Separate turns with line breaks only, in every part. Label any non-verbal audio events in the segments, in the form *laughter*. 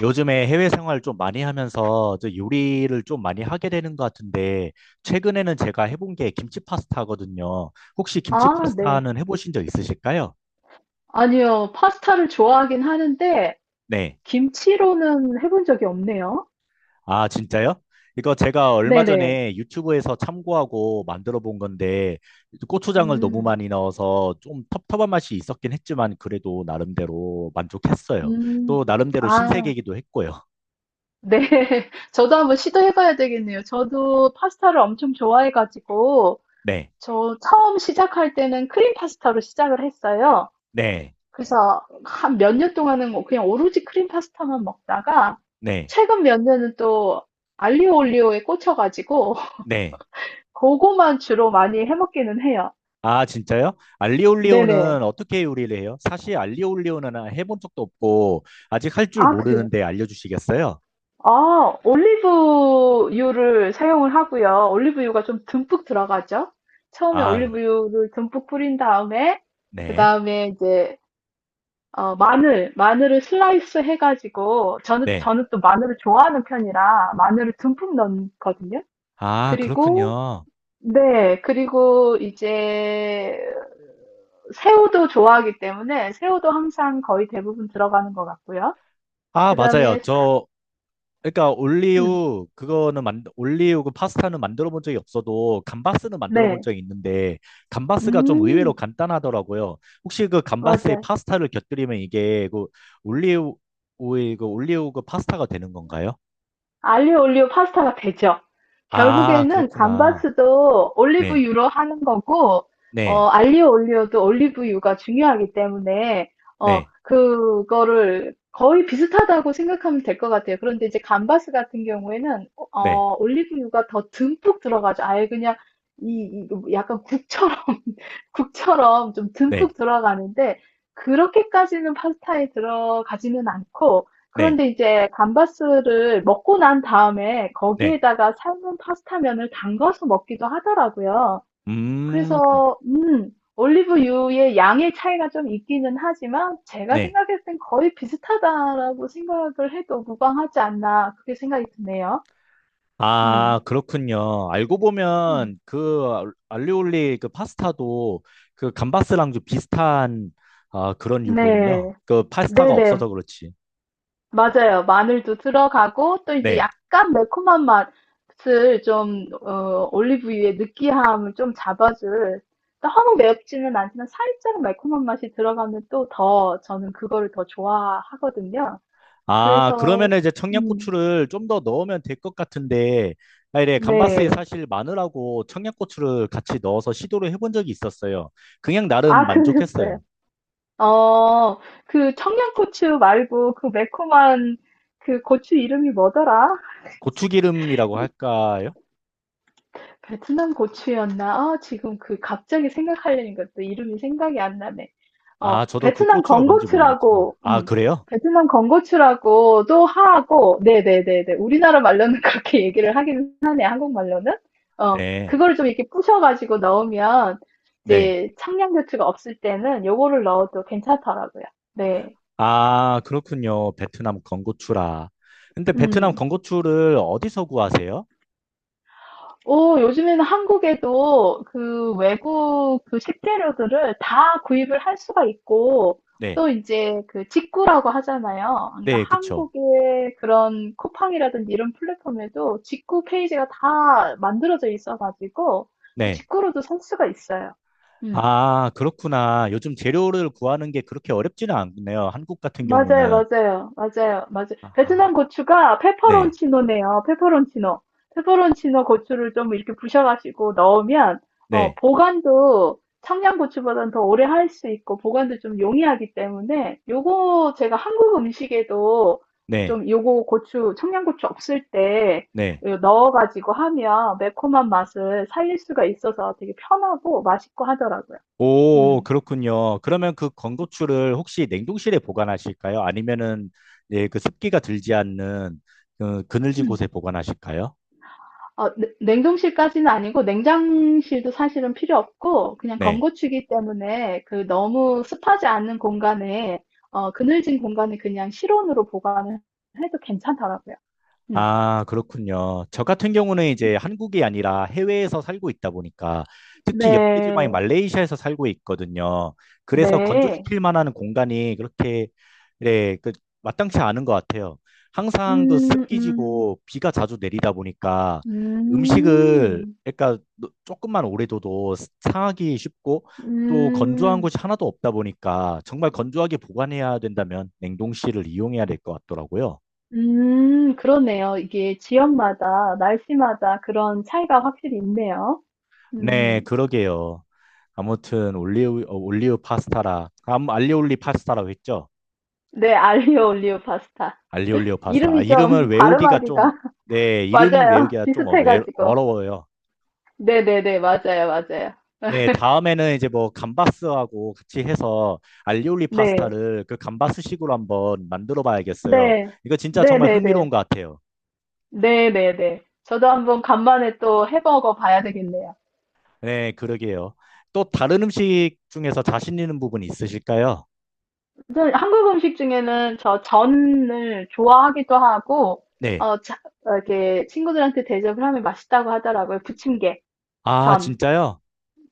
요즘에 해외 생활 좀 많이 하면서 저 요리를 좀 많이 하게 되는 것 같은데, 최근에는 제가 해본 게 김치 파스타거든요. 혹시 김치
아, 네.
파스타는 해보신 적 있으실까요?
아니요. 파스타를 좋아하긴 하는데,
네.
김치로는 해본 적이 없네요.
아, 진짜요? 이거 제가 얼마
네네.
전에 유튜브에서 참고하고 만들어 본 건데, 고추장을 너무
음,
많이 넣어서 좀 텁텁한 맛이 있었긴 했지만, 그래도 나름대로 만족했어요.
음.
또 나름대로
아,
신세계이기도 했고요.
네. *laughs* 저도 한번 시도해봐야 되겠네요. 저도 파스타를 엄청 좋아해가지고,
네.
저 처음 시작할 때는 크림 파스타로 시작을 했어요.
네.
그래서 한 몇 년 동안은 뭐 그냥 오로지 크림 파스타만 먹다가,
네.
최근 몇 년은 또 알리오 올리오에 꽂혀가지고, *laughs*
네.
그거만 주로 많이 해먹기는 해요.
아, 진짜요?
네네.
알리올리오는 어떻게 요리를 해요? 사실 알리올리오는 해본 적도 없고 아직 할 줄
아, 그래요?
모르는데 알려주시겠어요?
아, 올리브유를 사용을 하고요. 올리브유가 좀 듬뿍 들어가죠? 처음에
아,
올리브유를 듬뿍 뿌린 다음에, 그
네.
다음에 이제, 마늘을 슬라이스 해가지고,
네.
저는 또 마늘을 좋아하는 편이라 마늘을 듬뿍 넣거든요.
아,
그리고,
그렇군요.
네, 그리고 이제, 새우도 좋아하기 때문에 새우도 항상 거의 대부분 들어가는 것 같고요.
아,
그
맞아요.
다음에,
저 그러니까
음,
올리오 그거는 만 올리오 그 파스타는 만들어 본 적이 없어도 감바스는 만들어 본
네.
적이 있는데 감바스가 좀 의외로
음.
간단하더라고요. 혹시 그 감바스에
맞아요.
파스타를 곁들이면 이게 그 올리오의 그 올리오 그 파스타가 되는 건가요?
알리오 올리오 파스타가 되죠.
아,
결국에는
그렇구나.
감바스도
네,
올리브유로 하는 거고,
네,
알리오 올리오도 올리브유가 중요하기 때문에,
네,
그거를 거의 비슷하다고 생각하면 될 것 같아요. 그런데 이제 감바스 같은 경우에는,
네,
올리브유가 더 듬뿍 들어가죠. 아예 그냥, 이 약간 국처럼, *laughs* 국처럼 좀
네,
듬뿍 들어가는데, 그렇게까지는 파스타에 들어가지는 않고,
네,
그런데 이제 감바스를 먹고 난 다음에
네.
거기에다가 삶은 파스타면을 담가서 먹기도 하더라고요.
음,
그래서 올리브유의 양의 차이가 좀 있기는 하지만 제가
네.
생각했을 땐 거의 비슷하다라고 생각을 해도 무방하지 않나 그렇게 생각이 드네요.
아,
음.
그렇군요. 알고
음.
보면 그 리올리 그 파스타도 그 감바스랑 좀 비슷한 아, 그런 유군요.
네.
그 파스타가
네네,
없어서 그렇지.
맞아요. 마늘도 들어가고 또 이제
네.
약간 매콤한 맛을 좀 올리브유의 느끼함을 좀 잡아줄 너무 맵지는 않지만 살짝 매콤한 맛이 들어가면 또 더 저는 그거를 더 좋아하거든요.
아,
그래서
그러면 이제
음,
청양고추를 좀 더 넣으면 될 것 같은데, 아, 이래 감바스에
네.
사실 마늘하고 청양고추를 같이 넣어서 시도를 해본 적이 있었어요. 그냥 나름
아, *laughs*
만족했어요.
그러셨어요. 어, 그 청양고추 말고 그 매콤한 그 고추 이름이 뭐더라?
고추기름이라고 할까요?
베트남 고추였나? 아, 지금 그 갑자기 생각하려니까 또 이름이 생각이 안 나네.
아, 저도 그
베트남
고추가 뭔지 모르겠지만.
건고추라고,
아, 그래요?
베트남 건고추라고도 하고, 네네네네. 우리나라 말로는 *laughs* 그렇게 얘기를 하긴 하네, 한국말로는.
네.
그걸 좀 이렇게 부셔가지고 넣으면,
네.
이제 청양고추가 없을 때는 요거를 넣어도 괜찮더라고요. 네.
아, 그렇군요. 베트남 건고추라. 근데 베트남
음.
건고추를 어디서 구하세요?
오, 요즘에는 한국에도 그 외국 그 식재료들을 다 구입을 할 수가 있고,
네.
또 이제 그 직구라고 하잖아요. 그러니까
네, 그쵸.
한국의 그런 쿠팡이라든지 이런 플랫폼에도 직구 페이지가 다 만들어져 있어가지고,
네.
직구로도 살 수가 있어요. 음.
아, 그렇구나. 요즘 재료를 구하는 게 그렇게 어렵지는 않네요. 한국 같은
맞아요,
경우는.
맞아요, 맞아요, 맞아요. 베트남
아,
고추가
네.
페퍼론치노네요. 페퍼론치노. 페퍼론치노 고추를 좀 이렇게 부셔가지고 넣으면,
네.
보관도 청양고추보다는 더 오래 할 수 있고, 보관도 좀 용이하기 때문에, 요거 제가 한국 음식에도
네.
좀 요거 고추, 청양고추 없을 때
네.
요 넣어가지고 하면 매콤한 맛을 살릴 수가 있어서 되게 편하고 맛있고 하더라고요.
오,
음.
그렇군요. 그러면 그 건고추를 혹시 냉동실에 보관하실까요? 아니면은 예, 그 습기가 들지 않는 그 그늘진 곳에 보관하실까요?
냉동실까지는 아니고 냉장실도 사실은 필요 없고 그냥
네.
건고추기 때문에 그 너무 습하지 않는 공간에 그늘진 공간에 그냥 실온으로 보관을 해도 괜찮더라고요. 음.
아, 그렇군요. 저 같은 경우는 이제 한국이 아니라 해외에서 살고 있다 보니까 특히 열대 지방인
네,
말레이시아에서 살고 있거든요. 그래서
네,
건조시킬 만한 공간이 그렇게 네, 그 마땅치 않은 것 같아요. 항상 그
음, 음,
습기지고 비가 자주 내리다 보니까 음식을
음,
그러니까 조금만 오래 둬도 상하기 쉽고 또 건조한
음,
곳이 하나도 없다 보니까 정말 건조하게 보관해야 된다면 냉동실을 이용해야 될 것 같더라고요.
그러네요. 이게 지역마다 날씨마다 그런 차이가 확실히 있네요.
네,
음,
그러게요. 아무튼 올리오 올리오 파스타라 암 알리올리 파스타라고 했죠?
네, 알리오 올리오 파스타.
알리올리오 파스타. 아,
이름이
이름을
좀 *laughs*
외우기가 좀
발음하기가
네, 이름
맞아요.
외우기가 좀
비슷해가지고.
어려워요.
네네네, 맞아요, 맞아요.
네, 다음에는 이제 뭐 감바스하고 같이 해서 알리올리
네,
파스타를 그 감바스식으로 한번 만들어 봐야겠어요.
네,
이거 진짜 정말
네네네,
흥미로운 것 같아요.
네네네. 저도 한번 간만에 또 해먹어 봐야 되겠네요.
네, 그러게요. 또 다른 음식 중에서 자신 있는 부분이 있으실까요?
저는 한국 음식 중에는 저 전을 좋아하기도 하고,
네.
어, 자- 이렇게 친구들한테 대접을 하면 맛있다고 하더라고요. 부침개,
아,
전.
진짜요?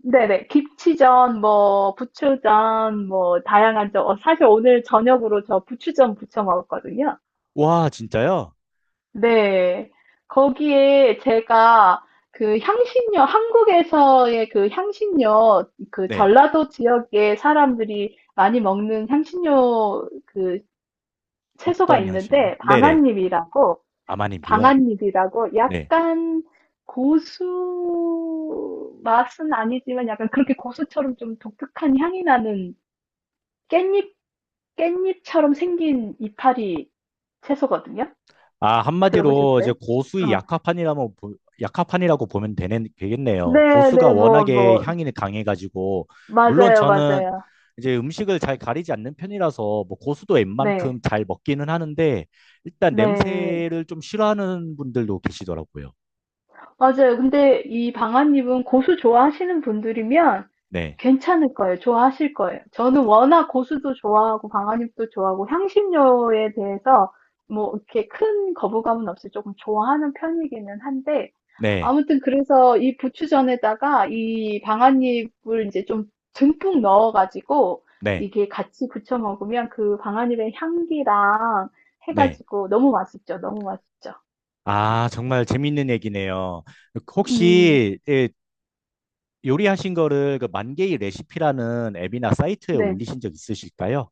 네네, 김치전, 뭐, 부추전, 뭐, 다양한 전. 사실 오늘 저녁으로 저 부추전 부쳐 먹었거든요.
와, 진짜요?
네. 거기에 제가 그 향신료, 한국에서의 그 향신료, 그
네.
전라도 지역의 사람들이 많이 먹는 향신료 그 채소가
어떤 향신료요?
있는데,
네네. 아마님비요.
방아잎이라고
네.
약간 고수 맛은 아니지만 약간 그렇게 고수처럼 좀 독특한 향이 나는 깻잎, 깻잎처럼 생긴 이파리 채소거든요.
아, 한마디로
들어보셨어요?
이제 고수의 약화판이라면 약화판이라고 보면 되네,
네,
되겠네요. 고수가
네, 뭐,
워낙에
뭐,
향이 강해가지고 물론
맞아요,
저는
맞아요.
이제 음식을 잘 가리지 않는 편이라서 뭐 고수도
네,
웬만큼 잘 먹기는 하는데 일단
네.
냄새를 좀 싫어하는 분들도 계시더라고요.
맞아요. 근데 이 방아잎은 고수 좋아하시는 분들이면
네,
괜찮을 거예요. 좋아하실 거예요. 저는 워낙 고수도 좋아하고 방아잎도 좋아하고 향신료에 대해서 뭐 이렇게 큰 거부감은 없이 조금 좋아하는 편이기는 한데
네,
아무튼 그래서 이 부추전에다가 이 방아잎을 이제 좀 듬뿍 넣어가지고
네,
이게 같이 부쳐 먹으면 그 방아잎의 향기랑
네.
해가지고 너무 맛있죠. 너무 맛있죠.
아, 정말 재밌는 얘기네요.
음,
혹시 예, 요리하신 거를 그 만개의 레시피라는 앱이나 사이트에
네.
올리신 적 있으실까요?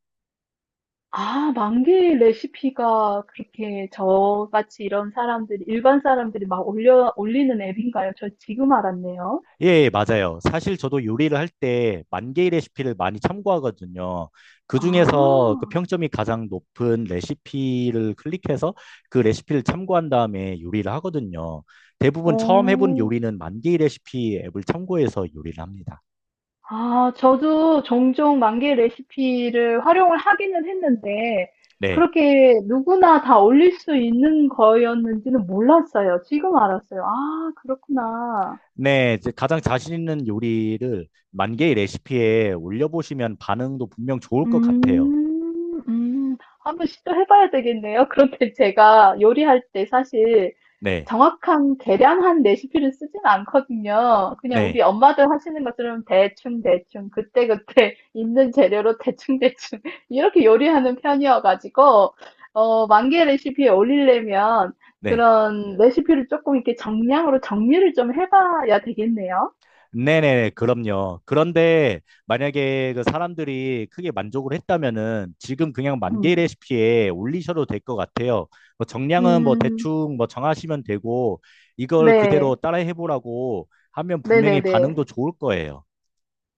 아, 만개의 레시피가 그렇게 저같이 이런 사람들이, 일반 사람들이 막 올리는 앱인가요? 저 지금 알았네요.
예, 예, 맞아요. 사실 저도 요리를 할 때 만개의 레시피를 많이 참고하거든요. 그 중에서 그
아,
평점이 가장 높은 레시피를 클릭해서 그 레시피를 참고한 다음에 요리를 하거든요. 대부분 처음 해본
어,
요리는 만개의 레시피 앱을 참고해서 요리를 합니다.
아, 저도 종종 만개 레시피를 활용을 하기는 했는데,
네.
그렇게 누구나 다 올릴 수 있는 거였는지는 몰랐어요. 지금 알았어요. 아, 그렇구나.
네, 이제 가장 자신 있는 요리를 만개의 레시피에 올려보시면 반응도 분명 좋을 것 같아요.
음. 음. 한번 시도해 봐야 되겠네요. *laughs* 그런데 제가 요리할 때 사실
네,
정확한 계량한 레시피를 쓰진 않거든요. 그냥
네.
우리 엄마들 하시는 것처럼 대충대충, 그때그때 *laughs* 있는 재료로 대충대충, *laughs* 이렇게 요리하는 편이어가지고, 만개 레시피에 올리려면
네.
그런 레시피를 조금 이렇게 정량으로 정리를 좀 해봐야 되겠네요.
네네, 그럼요. 그런데 만약에 그 사람들이 크게 만족을 했다면은 지금 그냥 만개
음,
레시피에 올리셔도 될 것 같아요. 뭐 정량은 뭐
음,
대충 뭐 정하시면 되고 이걸 그대로
네.
따라 해보라고 하면 분명히 반응도
네네네.
좋을 거예요.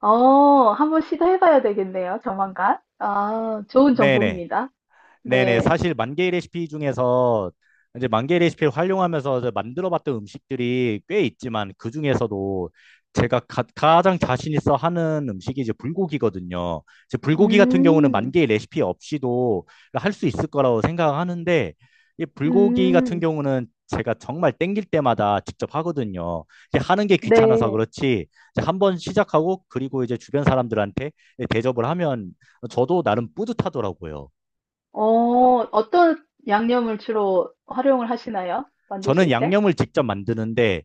한번 시도해봐야 되겠네요, 조만간. 아, 좋은
네네.
정보입니다.
네네.
네.
사실 만 개의 레시피 중에서 이제 만 개의 레시피를 활용하면서 이제 만들어봤던 음식들이 꽤 있지만 그 중에서도 제가 가장 자신 있어 하는 음식이 이제 불고기거든요. 이제 불고기 같은 경우는 만
음,
개의 레시피 없이도 할 수 있을 거라고 생각하는데 이 불고기 같은
음,
경우는 제가 정말 땡길 때마다 직접 하거든요. 이제 하는 게 귀찮아서
네.
그렇지 이제 한번 시작하고 그리고 이제 주변 사람들한테 대접을 하면 저도 나름 뿌듯하더라고요.
어, 어떤 양념을 주로 활용을 하시나요?
저는
만드실 때?
양념을 직접 만드는데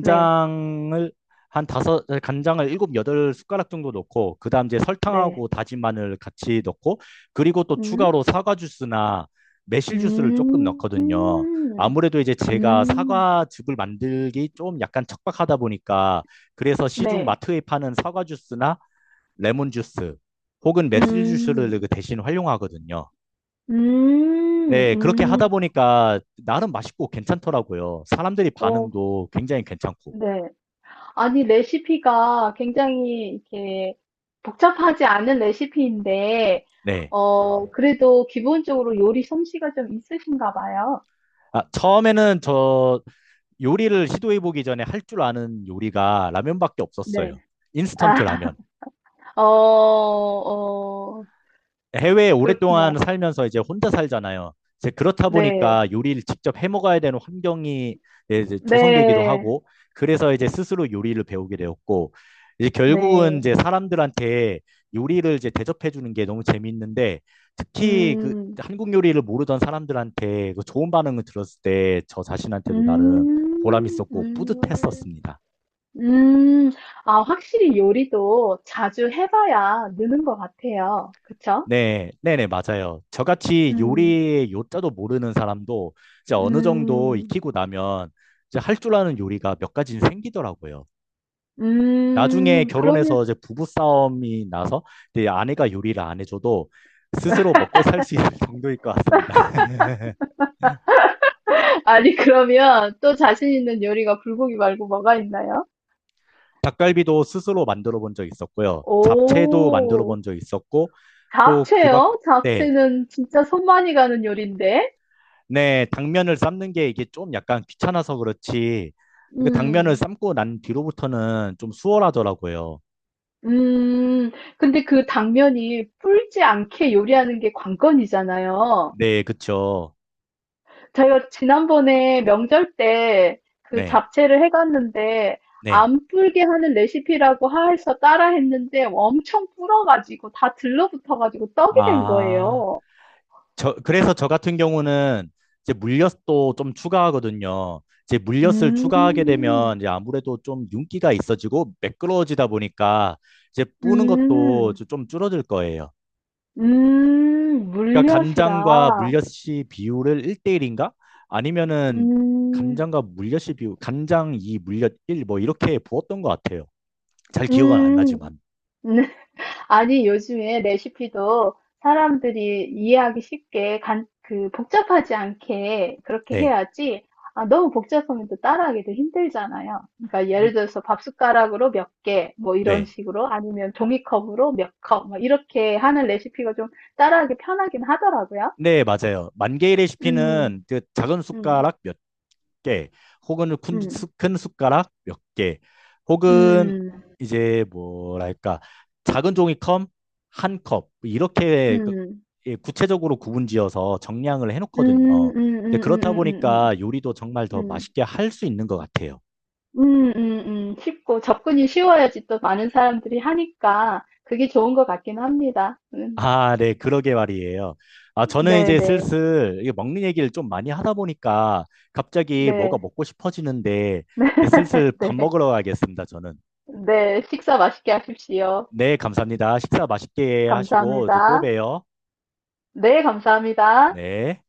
네,
한 다섯 간장을 일곱 여덟 숟가락 정도 넣고 그다음 이제
네.
설탕하고 다진 마늘 같이 넣고 그리고 또
음,
추가로 사과 주스나 매실 주스를 조금
음,
넣거든요. 아무래도 이제 제가
음,
사과즙을 만들기 좀 약간 척박하다 보니까 그래서 시중
네.
마트에 파는 사과 주스나 레몬 주스 혹은 매실 주스를
음,
그 대신 활용하거든요. 네, 그렇게
음,
하다
음,
보니까 나름 맛있고 괜찮더라고요. 사람들이
어,
반응도 굉장히 괜찮고.
네. 아니, 레시피가 굉장히 이렇게 복잡하지 않은 레시피인데,
네.
그래도 기본적으로 요리 솜씨가 좀 있으신가 봐요.
아, 처음에는 저 요리를 시도해보기 전에 할 줄 아는 요리가 라면밖에 없었어요.
네.
인스턴트
아,
라면.
어, 어,
해외에 오랫동안
그렇구나.
살면서 이제 혼자 살잖아요. 이제 그렇다
네,
보니까 요리를 직접 해 먹어야 되는 환경이 이제 조성되기도
네,
하고, 그래서 이제 스스로 요리를 배우게 되었고, 이제 결국은
네.
이제 사람들한테 요리를 이제 대접해 주는 게 너무 재밌는데, 특히 그
음,
한국 요리를 모르던 사람들한테 그 좋은 반응을 들었을 때 저 자신한테도 나름 보람
음,
있었고
음,
뿌듯했었습니다.
음. 아, 확실히 요리도 자주 해봐야 느는 것 같아요. 그쵸?
네, 네네, 맞아요. 저같이
음,
요리의 요자도 모르는 사람도 이제 어느 정도
음.
익히고 나면 이제 할 줄 아는 요리가 몇 가지는 생기더라고요. 나중에 결혼해서
그러면,
이제 부부싸움이 나서 이제 아내가 요리를 안 해줘도 스스로 먹고 살 수 있을 *laughs* 정도일 것 같습니다. *laughs*
*laughs* 아니, 그러면 또 자신 있는 요리가 불고기 말고 뭐가 있나요?
닭갈비도 스스로 만들어 본 적 있었고요. 잡채도 만들어
오,
본 적 있었고, 또 그 밖,
잡채요?
네.
잡채는 진짜 손 많이 가는 요리인데?
네, 당면을 삶는 게 이게 좀 약간 귀찮아서 그렇지. 그 당면을
음,
삶고 난 뒤로부터는 좀 수월하더라고요.
음, 근데 그 당면이 불지 않게 요리하는 게 관건이잖아요.
네, 그쵸.
제가 지난번에 명절 때 그
네,
잡채를 해갔는데,
네.
안 불게 하는 레시피라고 해서 따라 했는데 엄청 불어가지고 다 들러붙어가지고 떡이 된
아,
거예요.
저, 그래서 저 같은 경우는 이제 물엿도 좀 추가하거든요. 이제 물엿을 추가하게 되면
음,
이제 아무래도 좀 윤기가 있어지고 매끄러워지다 보니까 이제 뿌는 것도
음,
좀 줄어들 거예요. 그러니까
물엿이라.
간장과 물엿이 비율을 1대1인가? 아니면은
음,
간장과 물엿이 비율, 간장 2, 물엿 1, 뭐 이렇게 부었던 것 같아요. 잘 기억은 안
음.
나지만.
*laughs* 아니, 요즘에 레시피도 사람들이 이해하기 쉽게 복잡하지 않게 그렇게
네.
해야지. 아, 너무 복잡하면 또 따라하기도 힘들잖아요. 그러니까
음,
예를 들어서 밥 숟가락으로 몇 개, 뭐 이런
네.
식으로 아니면 종이컵으로 몇 컵, 뭐 이렇게 하는 레시피가 좀 따라하기 편하긴 하더라고요.
네, 맞아요. 만 개의
음,
레시피는 그 작은
음,
숟가락 몇 개, 혹은 큰,
음.
큰 숟가락 몇 개, 혹은
음,
이제 뭐랄까, 작은 종이컵 한 컵, 이렇게 그-
음,
예, 구체적으로 구분지어서 정량을
음,
해놓거든요.
음,
이제
음,
그렇다
음, 음,
보니까 요리도 정말
음,
더
음,
맛있게 할 수 있는 것 같아요.
쉽고 접근이 쉬워야지 또 많은 사람들이 하니까 그게 좋은 것 같긴 합니다.
아, 네, 그러게 말이에요. 아, 저는
네,
이제
네,
슬슬 이게 먹는 얘기를 좀 많이 하다 보니까 갑자기 뭐가
네,
먹고 싶어지는데 이제 슬슬
*laughs*
밥
네,
먹으러 가겠습니다, 저는.
네, 식사 맛있게 하십시오.
네, 감사합니다. 식사 맛있게 하시고 저또
감사합니다.
봬요.
네, 감사합니다.
네.